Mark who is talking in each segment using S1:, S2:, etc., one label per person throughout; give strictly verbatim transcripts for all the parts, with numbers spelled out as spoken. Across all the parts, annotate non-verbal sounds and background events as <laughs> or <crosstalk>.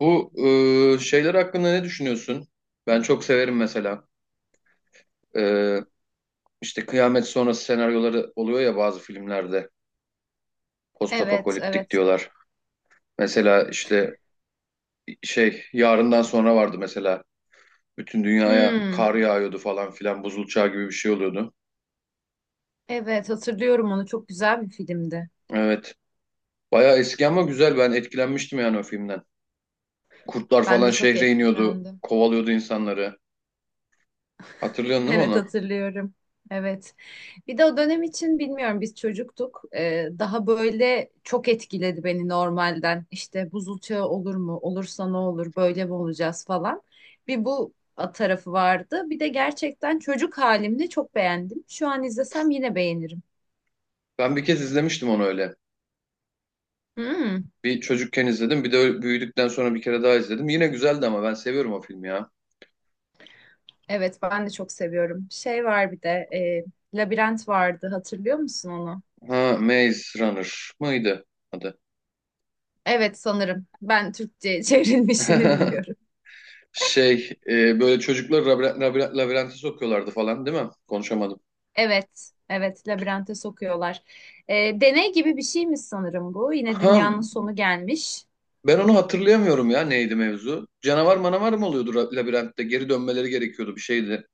S1: Bu e, şeyler hakkında ne düşünüyorsun? Ben çok severim mesela. E, işte kıyamet sonrası senaryoları oluyor ya bazı filmlerde.
S2: Evet,
S1: Postapokaliptik
S2: evet.
S1: diyorlar. Mesela işte şey yarından sonra vardı mesela. Bütün dünyaya
S2: Hmm,
S1: kar yağıyordu falan filan. Buzul çağı gibi bir şey oluyordu.
S2: evet hatırlıyorum onu. Çok güzel bir filmdi.
S1: Evet. Bayağı eski ama güzel. Ben etkilenmiştim yani o filmden. Kurtlar
S2: Ben
S1: falan
S2: de çok
S1: şehre iniyordu.
S2: etkilendim. <laughs>
S1: Kovalıyordu insanları. Hatırlıyorsun değil mi
S2: Evet
S1: onu?
S2: hatırlıyorum. Evet. Bir de o dönem için bilmiyorum biz çocuktuk. Ee, daha böyle çok etkiledi beni normalden. İşte buzul çağı olur mu? Olursa ne olur? Böyle mi olacağız falan. Bir bu tarafı vardı. Bir de gerçekten çocuk halimde çok beğendim. Şu an izlesem yine beğenirim.
S1: Ben bir kez izlemiştim onu öyle.
S2: Hmm.
S1: Bir çocukken izledim. Bir de büyüdükten sonra bir kere daha izledim. Yine güzeldi ama ben seviyorum o filmi ya.
S2: Evet, ben de çok seviyorum. Şey var bir de, e, Labirent vardı. Hatırlıyor musun onu?
S1: Ha, Maze Runner mıydı adı?
S2: Evet, sanırım. Ben Türkçe <laughs> çevrilmişini
S1: <laughs>
S2: biliyorum.
S1: Şey, e, böyle çocuklar labirent, labirent, labirente sokuyorlardı falan değil mi? Konuşamadım.
S2: Evet, evet, labirente sokuyorlar. E, Deney gibi bir şey mi sanırım bu? Yine
S1: Ha,
S2: dünyanın sonu gelmiş.
S1: ben onu hatırlayamıyorum ya, neydi mevzu? Canavar manavar mı oluyordu ra- labirentte? Geri dönmeleri gerekiyordu, bir şeydi.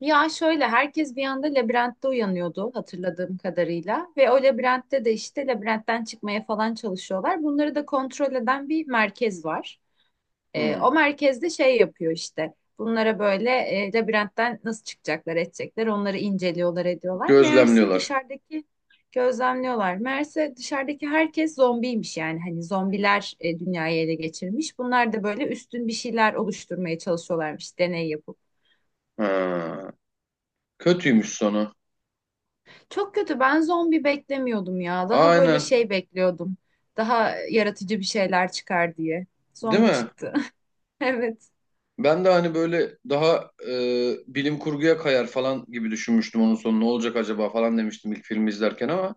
S2: Ya şöyle, herkes bir anda labirentte uyanıyordu hatırladığım kadarıyla. Ve o labirentte de işte labirentten çıkmaya falan çalışıyorlar. Bunları da kontrol eden bir merkez var. E,
S1: Hmm.
S2: o merkezde şey yapıyor işte. Bunlara böyle e, labirentten nasıl çıkacaklar, edecekler, onları inceliyorlar, ediyorlar. Meğerse
S1: Gözlemliyorlar.
S2: dışarıdaki gözlemliyorlar. Meğerse dışarıdaki herkes zombiymiş yani. Hani zombiler e, dünyayı ele geçirmiş. Bunlar da böyle üstün bir şeyler oluşturmaya çalışıyorlarmış, deney yapıp.
S1: Ha, kötüymüş sonu.
S2: Çok kötü. Ben zombi beklemiyordum ya. Daha böyle
S1: Aynen.
S2: şey bekliyordum. Daha yaratıcı bir şeyler çıkar diye.
S1: Değil
S2: Zombi
S1: mi?
S2: çıktı. <laughs> Evet,
S1: Ben de hani böyle daha e, bilim kurguya kayar falan gibi düşünmüştüm, onun sonu ne olacak acaba falan demiştim ilk filmi izlerken ama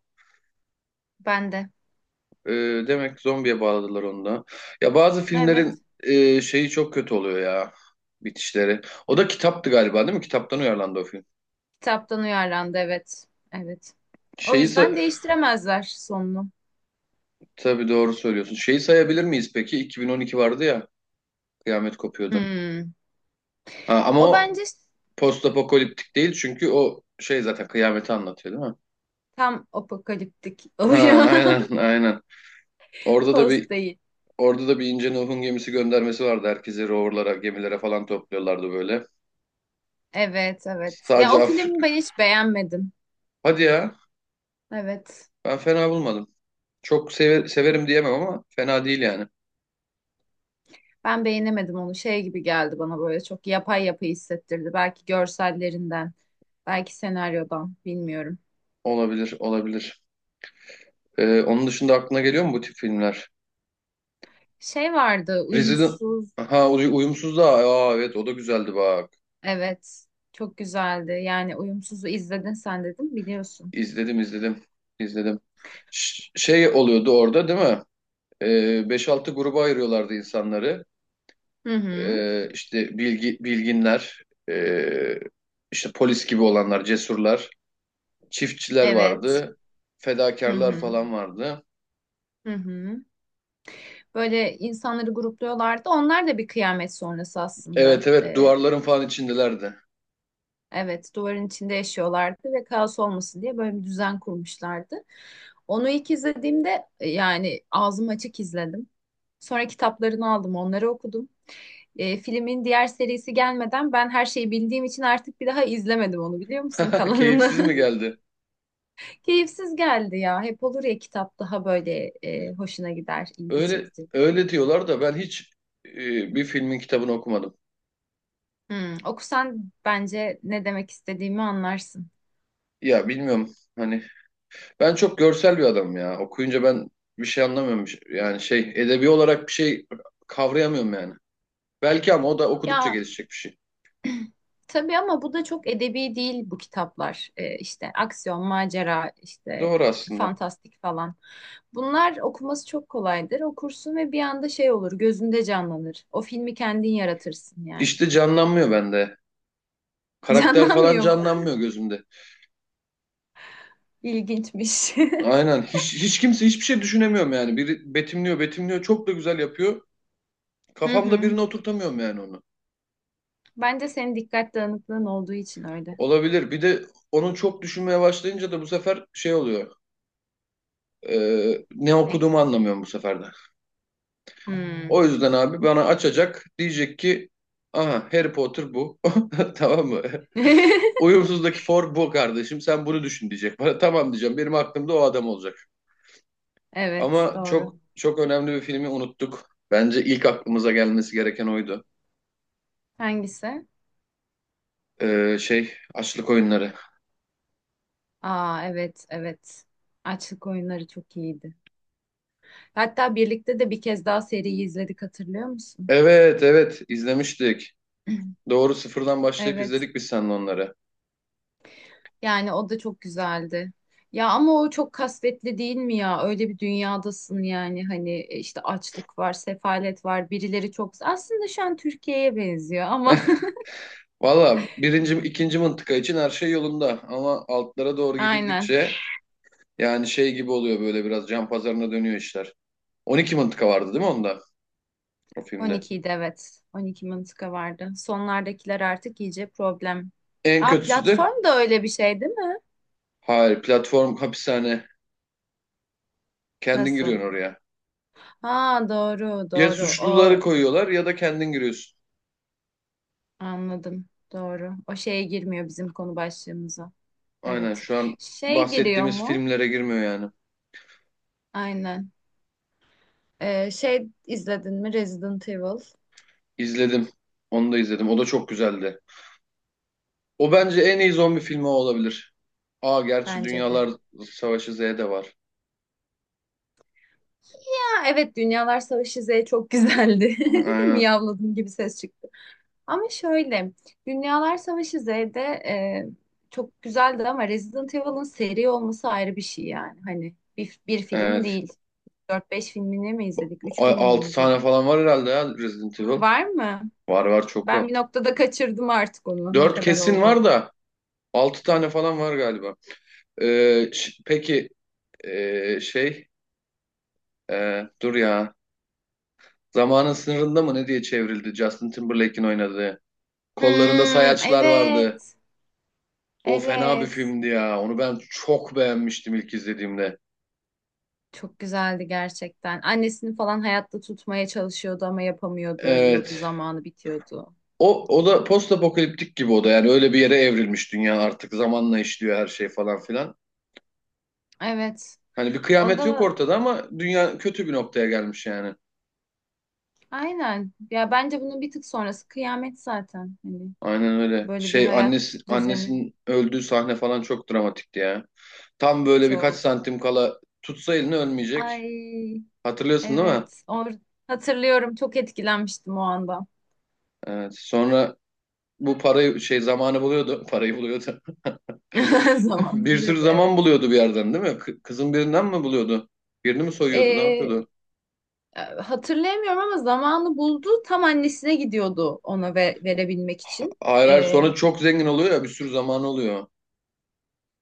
S2: ben de.
S1: e, demek ki zombiye bağladılar onu da. Ya bazı
S2: Evet.
S1: filmlerin e, şeyi çok kötü oluyor ya, bitişleri. O da kitaptı galiba değil mi? Kitaptan uyarlandı o film.
S2: Kitaptan uyarlandı evet. Evet. O
S1: Şeyi
S2: yüzden
S1: sa
S2: değiştiremezler sonunu.
S1: Tabii doğru söylüyorsun. Şeyi sayabilir miyiz peki? iki bin on iki vardı ya, kıyamet kopuyordu.
S2: Hmm.
S1: Ha, ama
S2: O
S1: o
S2: bence
S1: postapokaliptik değil, çünkü o şey zaten kıyameti anlatıyor değil mi?
S2: tam apokaliptik
S1: Ha,
S2: oluyor.
S1: aynen aynen.
S2: <laughs>
S1: Orada da
S2: Post
S1: bir
S2: değil.
S1: Orada da bir ince Nuh'un gemisi göndermesi vardı. Herkesi roverlara, gemilere falan topluyorlardı böyle.
S2: Evet, evet. Ya
S1: Sadece
S2: o filmi
S1: Afrika.
S2: ben hiç beğenmedim.
S1: Hadi ya.
S2: Evet.
S1: Ben fena bulmadım. Çok seve- severim diyemem ama fena değil yani.
S2: Ben beğenemedim onu. Şey gibi geldi bana, böyle çok yapay yapay hissettirdi. Belki görsellerinden, belki senaryodan, bilmiyorum.
S1: Olabilir, olabilir. Ee, onun dışında aklına geliyor mu bu tip filmler?
S2: Şey vardı,
S1: Resident...
S2: uyumsuz.
S1: Ha, uy- uyumsuz da. Aa, evet, o da güzeldi bak.
S2: Evet. Çok güzeldi. Yani uyumsuzu izledin sen, dedim, biliyorsun.
S1: İzledim, izledim, izledim. Ş- şey oluyordu orada değil mi? Ee, beş altı gruba ayırıyorlardı insanları.
S2: Hı hı.
S1: Ee, işte bilgi, bilginler, ee, işte polis gibi olanlar, cesurlar, çiftçiler
S2: Evet.
S1: vardı,
S2: Hı
S1: fedakarlar
S2: hı.
S1: falan vardı.
S2: Hı hı. Böyle insanları grupluyorlardı. Onlar da bir kıyamet sonrası aslında.
S1: Evet, evet,
S2: Ee,
S1: duvarların falan içindelerdi.
S2: evet, duvarın içinde yaşıyorlardı ve kaos olmasın diye böyle bir düzen kurmuşlardı. Onu ilk izlediğimde e, yani ağzım açık izledim. Sonra kitaplarını aldım, onları okudum. Ee, filmin diğer serisi gelmeden ben her şeyi bildiğim için artık bir daha izlemedim onu, biliyor musun,
S1: <laughs>
S2: kalanını.
S1: Keyifsiz mi geldi?
S2: <laughs> Keyifsiz geldi ya. Hep olur ya, kitap daha böyle e, hoşuna gider, ilgi
S1: Öyle
S2: çekici.
S1: öyle diyorlar da ben hiç ee, bir filmin kitabını okumadım.
S2: Hmm, okusan bence ne demek istediğimi anlarsın.
S1: Ya bilmiyorum, hani ben çok görsel bir adamım ya. Okuyunca ben bir şey anlamıyorum. Yani şey edebi olarak bir şey kavrayamıyorum yani. Belki, ama o da okudukça
S2: Ya
S1: gelişecek bir şey.
S2: tabii, ama bu da çok edebi değil bu kitaplar. Ee, işte aksiyon, macera, işte
S1: Doğru aslında.
S2: fantastik falan. Bunlar okuması çok kolaydır. Okursun ve bir anda şey olur, gözünde canlanır. O filmi kendin yaratırsın yani.
S1: İşte canlanmıyor bende.
S2: <laughs>
S1: Karakter falan
S2: Canlanmıyor mu?
S1: canlanmıyor gözümde.
S2: İlginçmiş. <laughs>
S1: Aynen. Hiç, hiç kimse, hiçbir şey düşünemiyorum yani. Biri betimliyor, betimliyor. Çok da güzel yapıyor.
S2: Hı
S1: Kafamda
S2: hı.
S1: birine oturtamıyorum yani onu.
S2: Bence senin dikkat dağınıklığın olduğu için öyle.
S1: Olabilir. Bir de onu çok düşünmeye başlayınca da bu sefer şey oluyor. Ee, ne
S2: Ne?
S1: okuduğumu anlamıyorum bu sefer de. O
S2: Hmm.
S1: yüzden abi bana açacak. Diyecek ki aha, Harry Potter bu. <laughs> Tamam mı?
S2: <laughs>
S1: Uyumsuzdaki for bu kardeşim. Sen bunu düşün diyecek bana. Tamam diyeceğim. Benim aklımda o adam olacak.
S2: Evet,
S1: Ama
S2: doğru.
S1: çok çok önemli bir filmi unuttuk. Bence ilk aklımıza gelmesi gereken oydu.
S2: Hangisi?
S1: Ee, şey, Açlık Oyunları.
S2: Aa, evet, evet. Açlık oyunları çok iyiydi. Hatta birlikte de bir kez daha seriyi izledik, hatırlıyor musun?
S1: Evet, evet, izlemiştik.
S2: <clears throat>
S1: Doğru, sıfırdan başlayıp
S2: Evet.
S1: izledik biz seninle onları.
S2: Yani o da çok güzeldi. Ya ama o çok kasvetli değil mi ya? Öyle bir dünyadasın yani, hani e, işte açlık var, sefalet var, birileri çok... Aslında şu an Türkiye'ye benziyor ama
S1: <laughs> Valla birinci, ikinci mıntıka için her şey yolunda. Ama altlara
S2: <laughs>
S1: doğru
S2: aynen.
S1: gidildikçe yani şey gibi oluyor böyle, biraz can pazarına dönüyor işler. on iki mıntıka vardı değil mi onda, o filmde?
S2: on ikiydi, evet. on iki mıntıka vardı. Sonlardakiler artık iyice problem.
S1: En
S2: Aa,
S1: kötüsü de
S2: platform da öyle bir şey değil mi?
S1: hayır, platform hapishane. Kendin
S2: Nasıl?
S1: giriyorsun oraya.
S2: Ha, doğru
S1: Ya
S2: doğru.
S1: suçluları
S2: O,
S1: koyuyorlar ya da kendin giriyorsun.
S2: anladım, doğru, o şeye girmiyor bizim konu başlığımıza.
S1: Aynen,
S2: Evet,
S1: şu an
S2: şey giriyor
S1: bahsettiğimiz
S2: mu?
S1: filmlere girmiyor yani.
S2: Aynen. Ee, şey, izledin mi Resident Evil?
S1: İzledim. Onu da izledim. O da çok güzeldi. O bence en iyi zombi filmi, o olabilir. Aa, gerçi
S2: Bence de.
S1: Dünyalar Savaşı Z de var.
S2: Ha, evet, Dünyalar Savaşı Z çok güzeldi.
S1: Hı,
S2: <laughs>
S1: aynen.
S2: Miyavladım gibi ses çıktı. Ama şöyle, Dünyalar Savaşı Z'de e, çok güzeldi, ama Resident Evil'ın seri olması ayrı bir şey, yani hani bir, bir film
S1: Evet.
S2: değil. dört beş filmini mi izledik, üç filmini mi
S1: Altı tane
S2: izledik?
S1: falan var herhalde ya, Resident Evil.
S2: Var mı?
S1: Var var çok
S2: Ben
S1: var.
S2: bir noktada kaçırdım artık onu. Ne
S1: Dört
S2: kadar
S1: kesin var
S2: olduğunu.
S1: da, Altı tane falan var galiba. Ee, ş- peki ee, şey ee, dur ya. Zamanın sınırında mı ne diye çevrildi Justin Timberlake'in oynadığı. Kollarında
S2: Hmm,
S1: sayaçlar vardı.
S2: evet.
S1: O fena bir
S2: Evet.
S1: filmdi ya. Onu ben çok beğenmiştim ilk izlediğimde.
S2: Çok güzeldi gerçekten. Annesini falan hayatta tutmaya çalışıyordu ama yapamıyordu, ölüyordu,
S1: Evet.
S2: zamanı bitiyordu.
S1: O, o da postapokaliptik gibi, o da. Yani öyle bir yere evrilmiş dünya artık. Zamanla işliyor her şey falan filan.
S2: Evet.
S1: Hani bir
S2: O
S1: kıyamet yok
S2: da
S1: ortada ama dünya kötü bir noktaya gelmiş yani.
S2: aynen. Ya bence bunun bir tık sonrası kıyamet zaten. Hani
S1: Aynen öyle.
S2: böyle bir
S1: Şey
S2: hayat
S1: annesi,
S2: düzeni
S1: annesinin öldüğü sahne falan çok dramatikti ya. Tam böyle birkaç
S2: çok.
S1: santim kala tutsa elini ölmeyecek.
S2: Ay,
S1: Hatırlıyorsun değil mi?
S2: evet. Or hatırlıyorum. Çok etkilenmiştim o anda.
S1: Evet. Sonra bu parayı şey zamanı buluyordu. <laughs> Parayı buluyordu.
S2: <laughs>
S1: <laughs> Bir
S2: Zamanında,
S1: sürü zaman
S2: evet.
S1: buluyordu bir yerden değil mi? Kı- Kızın birinden mi buluyordu? Birini mi soyuyordu? Ne
S2: Ee.
S1: yapıyordu?
S2: E, Hatırlayamıyorum ama zamanı buldu. Tam annesine gidiyordu ona ve verebilmek için.
S1: Hayır, hayır,
S2: E,
S1: sonra çok zengin oluyor ya, bir sürü zaman oluyor.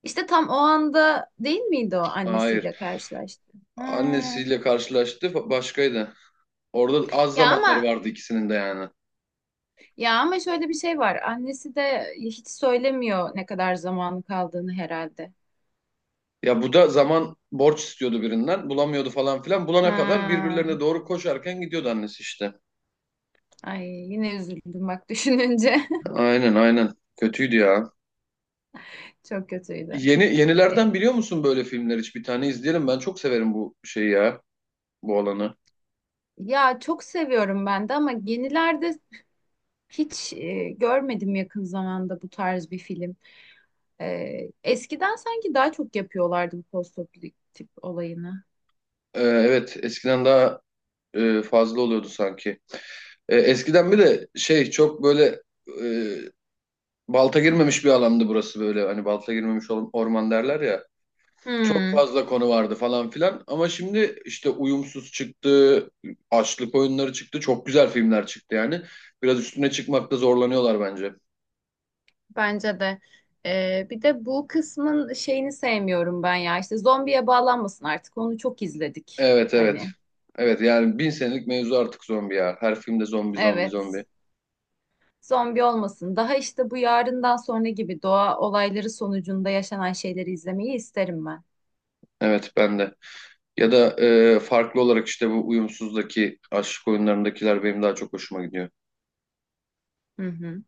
S2: işte tam o anda değil miydi o
S1: Hayır.
S2: annesiyle karşılaştı? Ha.
S1: Annesiyle karşılaştı fa- başkaydı. Orada az
S2: Ya
S1: zamanları
S2: ama
S1: vardı ikisinin de yani.
S2: ya ama şöyle bir şey var. Annesi de hiç söylemiyor ne kadar zamanı kaldığını, herhalde.
S1: Ya bu da zaman borç istiyordu birinden. Bulamıyordu falan filan. Bulana kadar
S2: Ha.
S1: birbirlerine doğru koşarken gidiyordu annesi işte.
S2: Ay, yine üzüldüm bak düşününce. <laughs>
S1: Aynen aynen. Kötüydü ya.
S2: Çok kötüydü.
S1: Yeni
S2: E,
S1: yenilerden biliyor musun böyle filmler hiç? Bir tane izleyelim. Ben çok severim bu şeyi ya. Bu alanı.
S2: Ya çok seviyorum ben de, ama yenilerde hiç e, görmedim yakın zamanda bu tarz bir film. Ee, eskiden sanki daha çok yapıyorlardı bu postoperatif tip olayını.
S1: Ee, evet, eskiden daha e, fazla oluyordu sanki. E, eskiden bir de şey çok böyle e, balta girmemiş bir alandı burası, böyle hani balta girmemiş or- orman derler ya. Çok
S2: Hmm,
S1: fazla konu vardı falan filan ama şimdi işte uyumsuz çıktı, açlık oyunları çıktı, çok güzel filmler çıktı yani. Biraz üstüne çıkmakta zorlanıyorlar bence.
S2: bence de. Ee, bir de bu kısmın şeyini sevmiyorum ben ya. İşte zombiye bağlanmasın artık. Onu çok izledik.
S1: Evet, evet.
S2: Hani,
S1: Evet yani bin senelik mevzu artık zombi ya. Her filmde zombi zombi
S2: evet.
S1: zombi.
S2: Zombi olmasın. Daha işte bu yarından sonra gibi doğa olayları sonucunda yaşanan şeyleri izlemeyi isterim ben.
S1: Evet ben de. Ya da e, farklı olarak işte bu uyumsuzdaki aşk oyunlarındakiler benim daha çok hoşuma gidiyor.
S2: Hı hı.